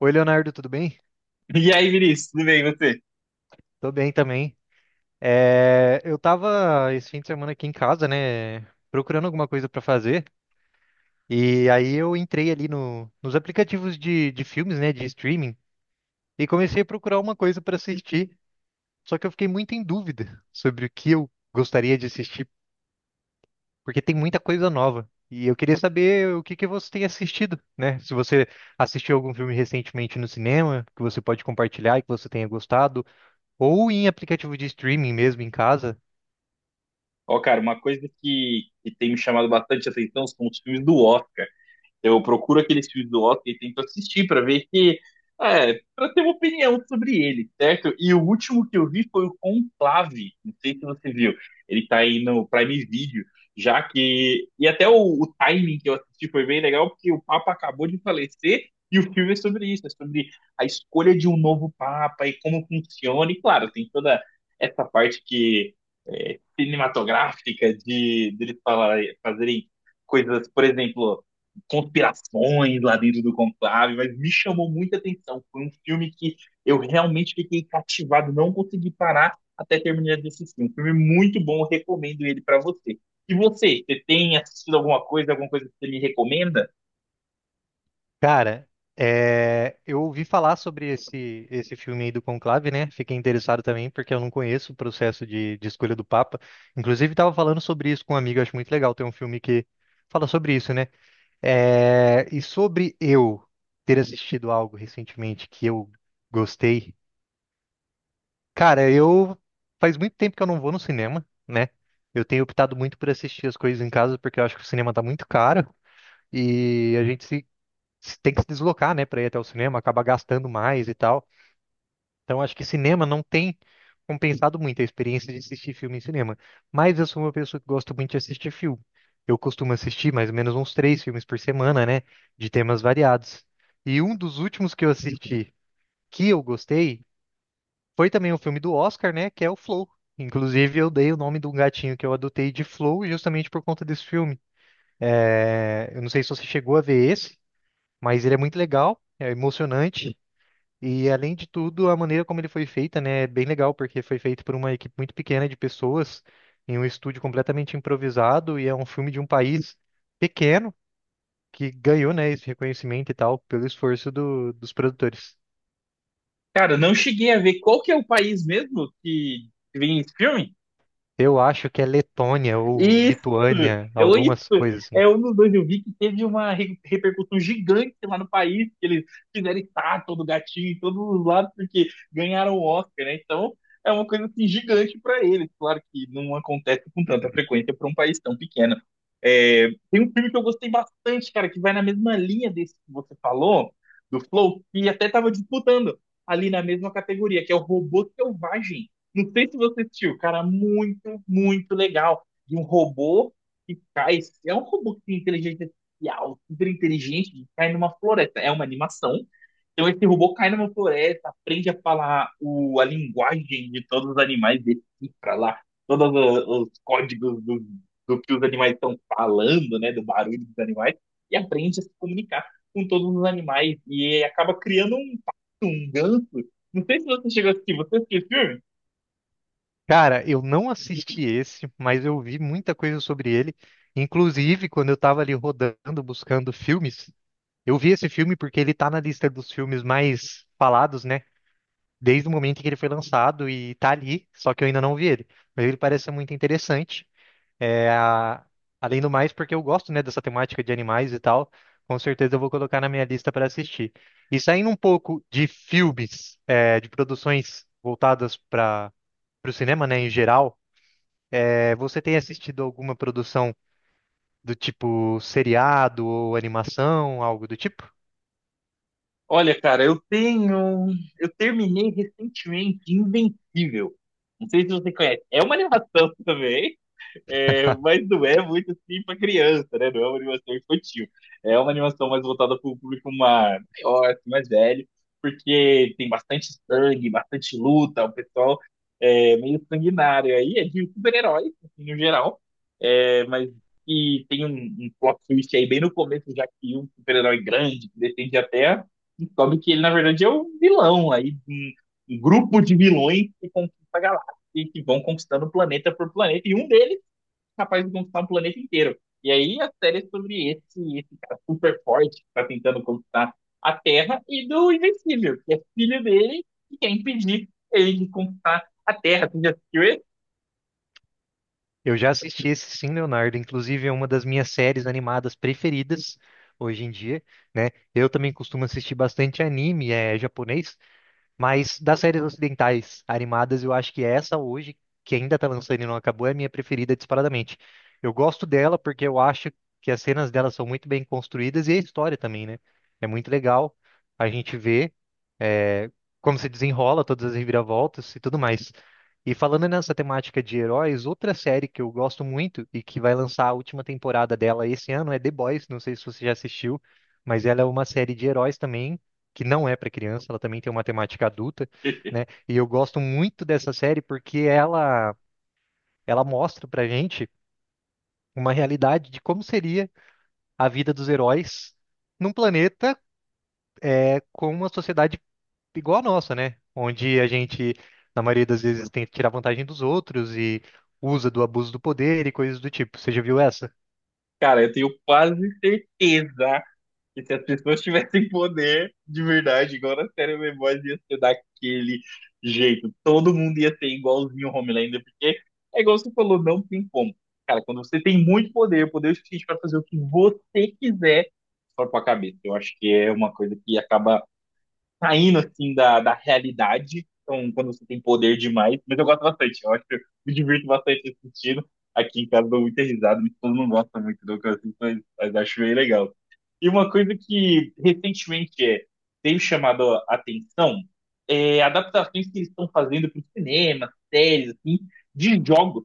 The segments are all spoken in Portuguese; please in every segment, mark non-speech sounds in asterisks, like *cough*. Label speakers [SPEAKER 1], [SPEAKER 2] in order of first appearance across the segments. [SPEAKER 1] Oi, Leonardo, tudo bem?
[SPEAKER 2] E aí, Vinícius, tudo bem, e você?
[SPEAKER 1] Tô bem também. Eu tava esse fim de semana aqui em casa, né, procurando alguma coisa pra fazer, e aí eu entrei ali nos aplicativos de filmes, né, de streaming, e comecei a procurar uma coisa pra assistir. Só que eu fiquei muito em dúvida sobre o que eu gostaria de assistir, porque tem muita coisa nova. E eu queria saber o que que você tem assistido, né? Se você assistiu algum filme recentemente no cinema, que você pode compartilhar e que você tenha gostado, ou em aplicativo de streaming mesmo em casa.
[SPEAKER 2] Ó, cara, uma coisa que tem me chamado bastante atenção são os filmes do Oscar. Eu procuro aqueles filmes do Oscar e tento assistir para ver que, para ter uma opinião sobre ele, certo? E o último que eu vi foi o Conclave, não sei se você viu. Ele tá aí no Prime Video, já que e até o timing que eu assisti foi bem legal porque o Papa acabou de falecer e o filme é sobre isso, é sobre a escolha de um novo Papa e como funciona. E claro, tem toda essa parte que é, cinematográfica de deles falarem, fazerem coisas, por exemplo, conspirações lá dentro do conclave, mas me chamou muita atenção. Foi um filme que eu realmente fiquei cativado, não consegui parar até terminar de assistir. Um filme muito bom, eu recomendo ele para você. E você, você tem assistido alguma coisa que você me recomenda?
[SPEAKER 1] Cara, eu ouvi falar sobre esse filme aí do Conclave, né? Fiquei interessado também, porque eu não conheço o processo de escolha do Papa. Inclusive, estava falando sobre isso com um amigo, acho muito legal ter um filme que fala sobre isso, né? E sobre eu ter assistido algo recentemente que eu gostei. Cara, eu faz muito tempo que eu não vou no cinema, né? Eu tenho optado muito por assistir as coisas em casa, porque eu acho que o cinema tá muito caro. E a gente tem que se deslocar, né, para ir até o cinema, acaba gastando mais e tal. Então acho que cinema não tem compensado muito a experiência de assistir filme em cinema. Mas eu sou uma pessoa que gosto muito de assistir filme. Eu costumo assistir mais ou menos uns três filmes por semana, né, de temas variados. E um dos últimos que eu assisti que eu gostei foi também um filme do Oscar, né, que é o Flow. Inclusive, eu dei o nome de um gatinho que eu adotei de Flow justamente por conta desse filme. Eu não sei se você chegou a ver esse, mas ele é muito legal, é emocionante. E além de tudo, a maneira como ele foi feita, né, é bem legal, porque foi feito por uma equipe muito pequena de pessoas, em um estúdio completamente improvisado, e é um filme de um país pequeno que ganhou, né, esse reconhecimento e tal, pelo esforço dos produtores.
[SPEAKER 2] Cara, não cheguei a ver qual que é o país mesmo que vem esse filme?
[SPEAKER 1] Eu acho que é Letônia ou
[SPEAKER 2] Isso!
[SPEAKER 1] Lituânia,
[SPEAKER 2] Eu, isso!
[SPEAKER 1] algumas coisas assim.
[SPEAKER 2] É um dos dois. Eu vi que teve uma repercussão gigante lá no país, que eles fizeram estátua do gatinho em todos os lados, porque ganharam o Oscar, né? Então, é uma coisa assim, gigante para eles. Claro que não acontece com tanta frequência para um país tão pequeno. É, tem um filme que eu gostei bastante, cara, que vai na mesma linha desse que você falou, do Flow, que até tava disputando ali na mesma categoria, que é o Robô Selvagem. Não sei se você assistiu, cara, muito, muito legal de um robô que cai. É um robô que tem inteligência artificial, super inteligente, que cai numa floresta. É uma animação. Então esse robô cai numa floresta, aprende a falar o, a linguagem de todos os animais, decifra lá todos os códigos do que os animais estão falando, né, do barulho dos animais, e aprende a se comunicar com todos os animais. E acaba criando um, pato, um ganso. Não sei se você chegou a assistir. Você assistiu esse filme?
[SPEAKER 1] Cara, eu não assisti esse, mas eu vi muita coisa sobre ele. Inclusive, quando eu tava ali rodando, buscando filmes, eu vi esse filme porque ele tá na lista dos filmes mais falados, né? Desde o momento em que ele foi lançado e tá ali, só que eu ainda não vi ele. Mas ele parece ser muito interessante. É, a- além do mais, porque eu gosto, né, dessa temática de animais e tal, com certeza eu vou colocar na minha lista para assistir. E saindo um pouco de filmes, de produções voltadas para o cinema, né, em geral, você tem assistido alguma produção do tipo seriado ou animação, algo do tipo?
[SPEAKER 2] Olha, cara, eu tenho. Eu terminei recentemente Invencível. Não sei se você conhece. É uma animação *laughs* também, é, mas não é muito assim para criança, né? Não é uma animação infantil. É uma animação mais voltada para o público maior, assim, mais velho, porque tem bastante sangue, bastante luta, o pessoal é meio sanguinário. Aí é de super-heróis, assim, no geral. É, mas e tem um plot twist aí bem no começo, já que um super-herói grande que defende a Terra, descobre que ele, na verdade, é um vilão. Aí um grupo de vilões que conquista a galáxia e que vão conquistando planeta por planeta. E um deles capaz de conquistar um planeta inteiro. E aí a série é sobre esse cara super forte que tá tentando conquistar a Terra e do Invencível, que é filho dele e quer impedir ele de conquistar a Terra. Tu já assistiu esse?
[SPEAKER 1] Eu já assisti esse. Sim, Leonardo, inclusive é uma das minhas séries animadas preferidas hoje em dia, né? Eu também costumo assistir bastante anime, é japonês, mas das séries ocidentais animadas, eu acho que essa hoje, que ainda tá lançando e não acabou, é a minha preferida disparadamente. Eu gosto dela porque eu acho que as cenas dela são muito bem construídas e a história também, né? É muito legal a gente ver é, como se desenrola todas as reviravoltas e tudo mais. E falando nessa temática de heróis, outra série que eu gosto muito e que vai lançar a última temporada dela esse ano é The Boys. Não sei se você já assistiu, mas ela é uma série de heróis também, que não é para criança, ela também tem uma temática adulta, né?
[SPEAKER 2] *laughs*
[SPEAKER 1] E eu gosto muito dessa série porque ela mostra pra gente uma realidade de como seria a vida dos heróis num planeta, né, com uma sociedade igual a nossa, né? Onde a gente, na maioria das vezes, tenta tirar vantagem dos outros e usa do abuso do poder e coisas do tipo. Você já viu essa?
[SPEAKER 2] Cara, eu tenho quase certeza. E se as pessoas tivessem poder de verdade, igual na série The Boys, ia ser daquele jeito. Todo mundo ia ser igualzinho o Homelander, porque é igual você falou, não tem como. Cara, quando você tem muito poder, poder suficiente para fazer o que você quiser, só com a cabeça. Eu acho que é uma coisa que acaba saindo assim da realidade. Então, quando você tem poder demais, mas eu gosto bastante, eu acho que eu me divirto bastante assistindo. Aqui em casa dou muita risada, minha esposa não gosta muito do que eu assisto, mas acho bem legal. E uma coisa que recentemente teve chamado a atenção é adaptações que eles estão fazendo para o cinema, séries, assim, de jogos.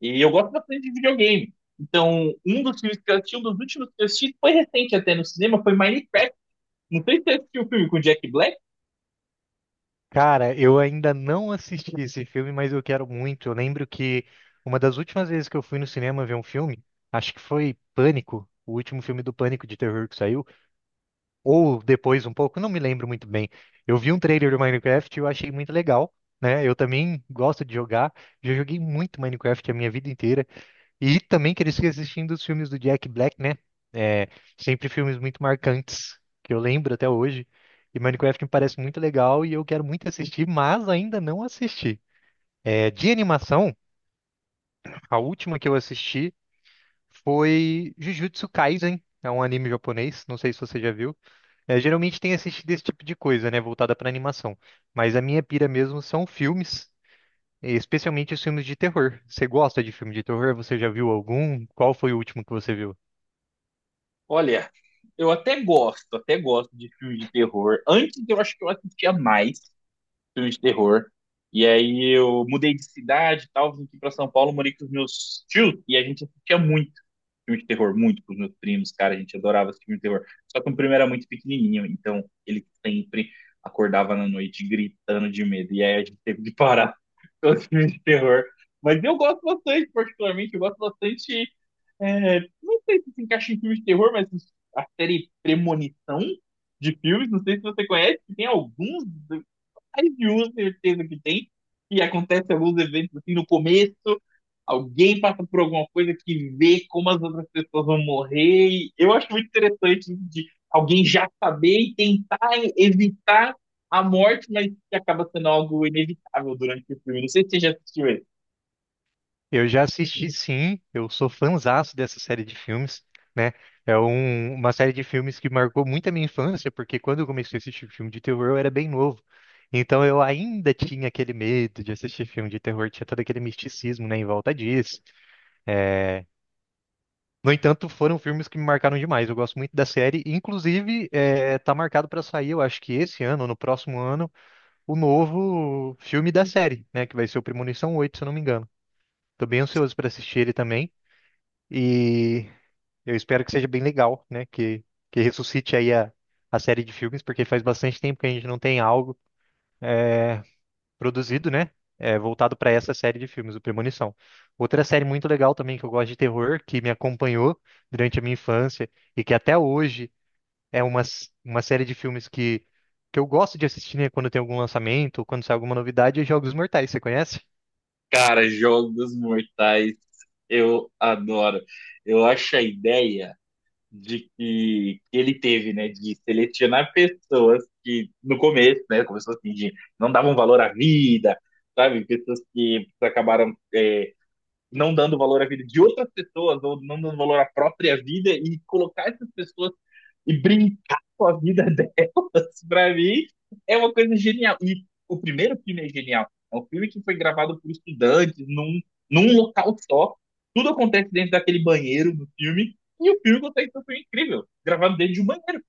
[SPEAKER 2] E eu gosto bastante de videogame. Então, um dos filmes que eu assisti, um dos últimos que eu assisti, foi recente até no cinema, foi Minecraft. Não sei se você assistiu o filme com o Jack Black.
[SPEAKER 1] Cara, eu ainda não assisti esse filme, mas eu quero muito. Eu lembro que uma das últimas vezes que eu fui no cinema ver um filme, acho que foi Pânico, o último filme do Pânico de terror que saiu. Ou depois um pouco, não me lembro muito bem. Eu vi um trailer do Minecraft e eu achei muito legal, né? Eu também gosto de jogar, já joguei muito Minecraft a minha vida inteira. E também cresci assistindo os filmes do Jack Black, né? É, sempre filmes muito marcantes, que eu lembro até hoje. E Minecraft me parece muito legal e eu quero muito assistir, mas ainda não assisti. De animação, a última que eu assisti foi Jujutsu Kaisen, é um anime japonês, não sei se você já viu. Geralmente tem assistido esse tipo de coisa, né, voltada para animação. Mas a minha pira mesmo são filmes, e especialmente os filmes de terror. Você gosta de filme de terror? Você já viu algum? Qual foi o último que você viu?
[SPEAKER 2] Olha, eu até gosto de filmes de terror. Antes eu acho que eu assistia mais filmes de terror. E aí eu mudei de cidade e tal, vim aqui pra São Paulo, morei com os meus tios e a gente assistia muito filme de terror, muito com os meus primos, cara, a gente adorava assistir filme de terror. Só que o primo era muito pequenininho, então ele sempre acordava na noite gritando de medo. E aí a gente teve que parar *laughs* todos os filmes de terror. Mas eu gosto bastante, particularmente, eu gosto bastante não sei se se encaixa em filmes de terror, mas a série Premonição de filmes, não sei se você conhece, que tem alguns, mais de um, certeza que tem, que acontece alguns eventos assim no começo, alguém passa por alguma coisa que vê como as outras pessoas vão morrer. E eu acho muito interessante de alguém já saber e tentar evitar a morte, mas que acaba sendo algo inevitável durante o filme. Não sei se você já assistiu esse.
[SPEAKER 1] Eu já assisti, sim. Eu sou fãzaço dessa série de filmes, né? Uma série de filmes que marcou muito a minha infância, porque quando eu comecei a assistir filme de terror, eu era bem novo. Então eu ainda tinha aquele medo de assistir filme de terror, tinha todo aquele misticismo, né, em volta disso. É, No entanto, foram filmes que me marcaram demais. Eu gosto muito da série. Inclusive, tá marcado pra sair, eu acho que esse ano, ou no próximo ano, o novo filme da série, né? Que vai ser o Premonição 8, se eu não me engano. Tô bem ansioso pra assistir ele também. E eu espero que seja bem legal, né? Que ressuscite aí a série de filmes, porque faz bastante tempo que a gente não tem algo produzido, né? Voltado pra essa série de filmes, o Premonição. Outra série muito legal também que eu gosto de terror, que me acompanhou durante a minha infância e que até hoje é uma série de filmes que eu gosto de assistir, né, quando tem algum lançamento, ou quando sai alguma novidade, é Jogos Mortais, você conhece?
[SPEAKER 2] Cara, jogos mortais eu adoro. Eu acho a ideia de que ele teve, né, de selecionar pessoas que no começo, né, começou assim, de não davam valor à vida, sabe? Pessoas que acabaram não dando valor à vida de outras pessoas ou não dando valor à própria vida e colocar essas pessoas e brincar com a vida delas, *laughs* pra mim, é uma coisa genial. E o primeiro filme é genial. É um filme que foi gravado por estudantes num local só. Tudo acontece dentro daquele banheiro do filme. E o filme consegue ser um filme incrível, gravado dentro de um banheiro.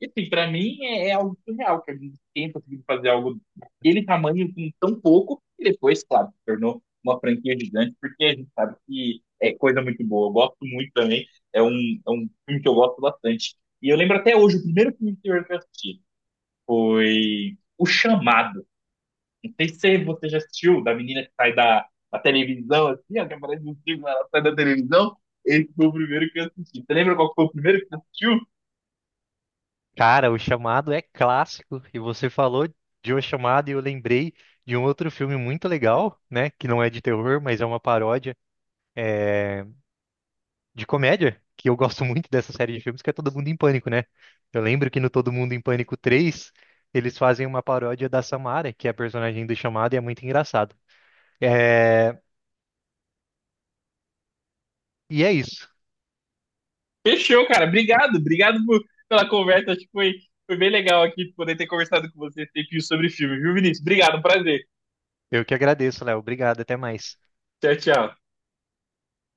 [SPEAKER 2] E assim, pra mim é, é algo surreal que a gente tenha conseguido fazer algo daquele tamanho com tão pouco, e depois, claro, se tornou uma franquia gigante, porque a gente sabe que é coisa muito boa. Eu gosto muito também, é é um filme que eu gosto bastante. E eu lembro até hoje, o primeiro filme de terror que eu assisti foi O Chamado. Não sei se você já assistiu, da menina que sai da televisão, assim, ó, que aparece no filme, ela sai da televisão. Esse foi o primeiro que eu assisti. Você lembra qual foi o primeiro que você assistiu?
[SPEAKER 1] Cara, O Chamado é clássico, e você falou de O Chamado e eu lembrei de um outro filme muito legal, né, que não é de terror, mas é uma paródia de comédia, que eu gosto muito dessa série de filmes, que é Todo Mundo em Pânico, né? Eu lembro que no Todo Mundo em Pânico 3 eles fazem uma paródia da Samara, que é a personagem do Chamado, e é muito engraçado. É... E é isso.
[SPEAKER 2] Fechou, cara. Obrigado, pela conversa. Acho que foi, foi bem legal aqui poder ter conversado com você esse tempinho sobre filme, viu, Vinícius? Obrigado, prazer.
[SPEAKER 1] Eu que agradeço, Léo. Obrigado, até mais.
[SPEAKER 2] Tchau, tchau.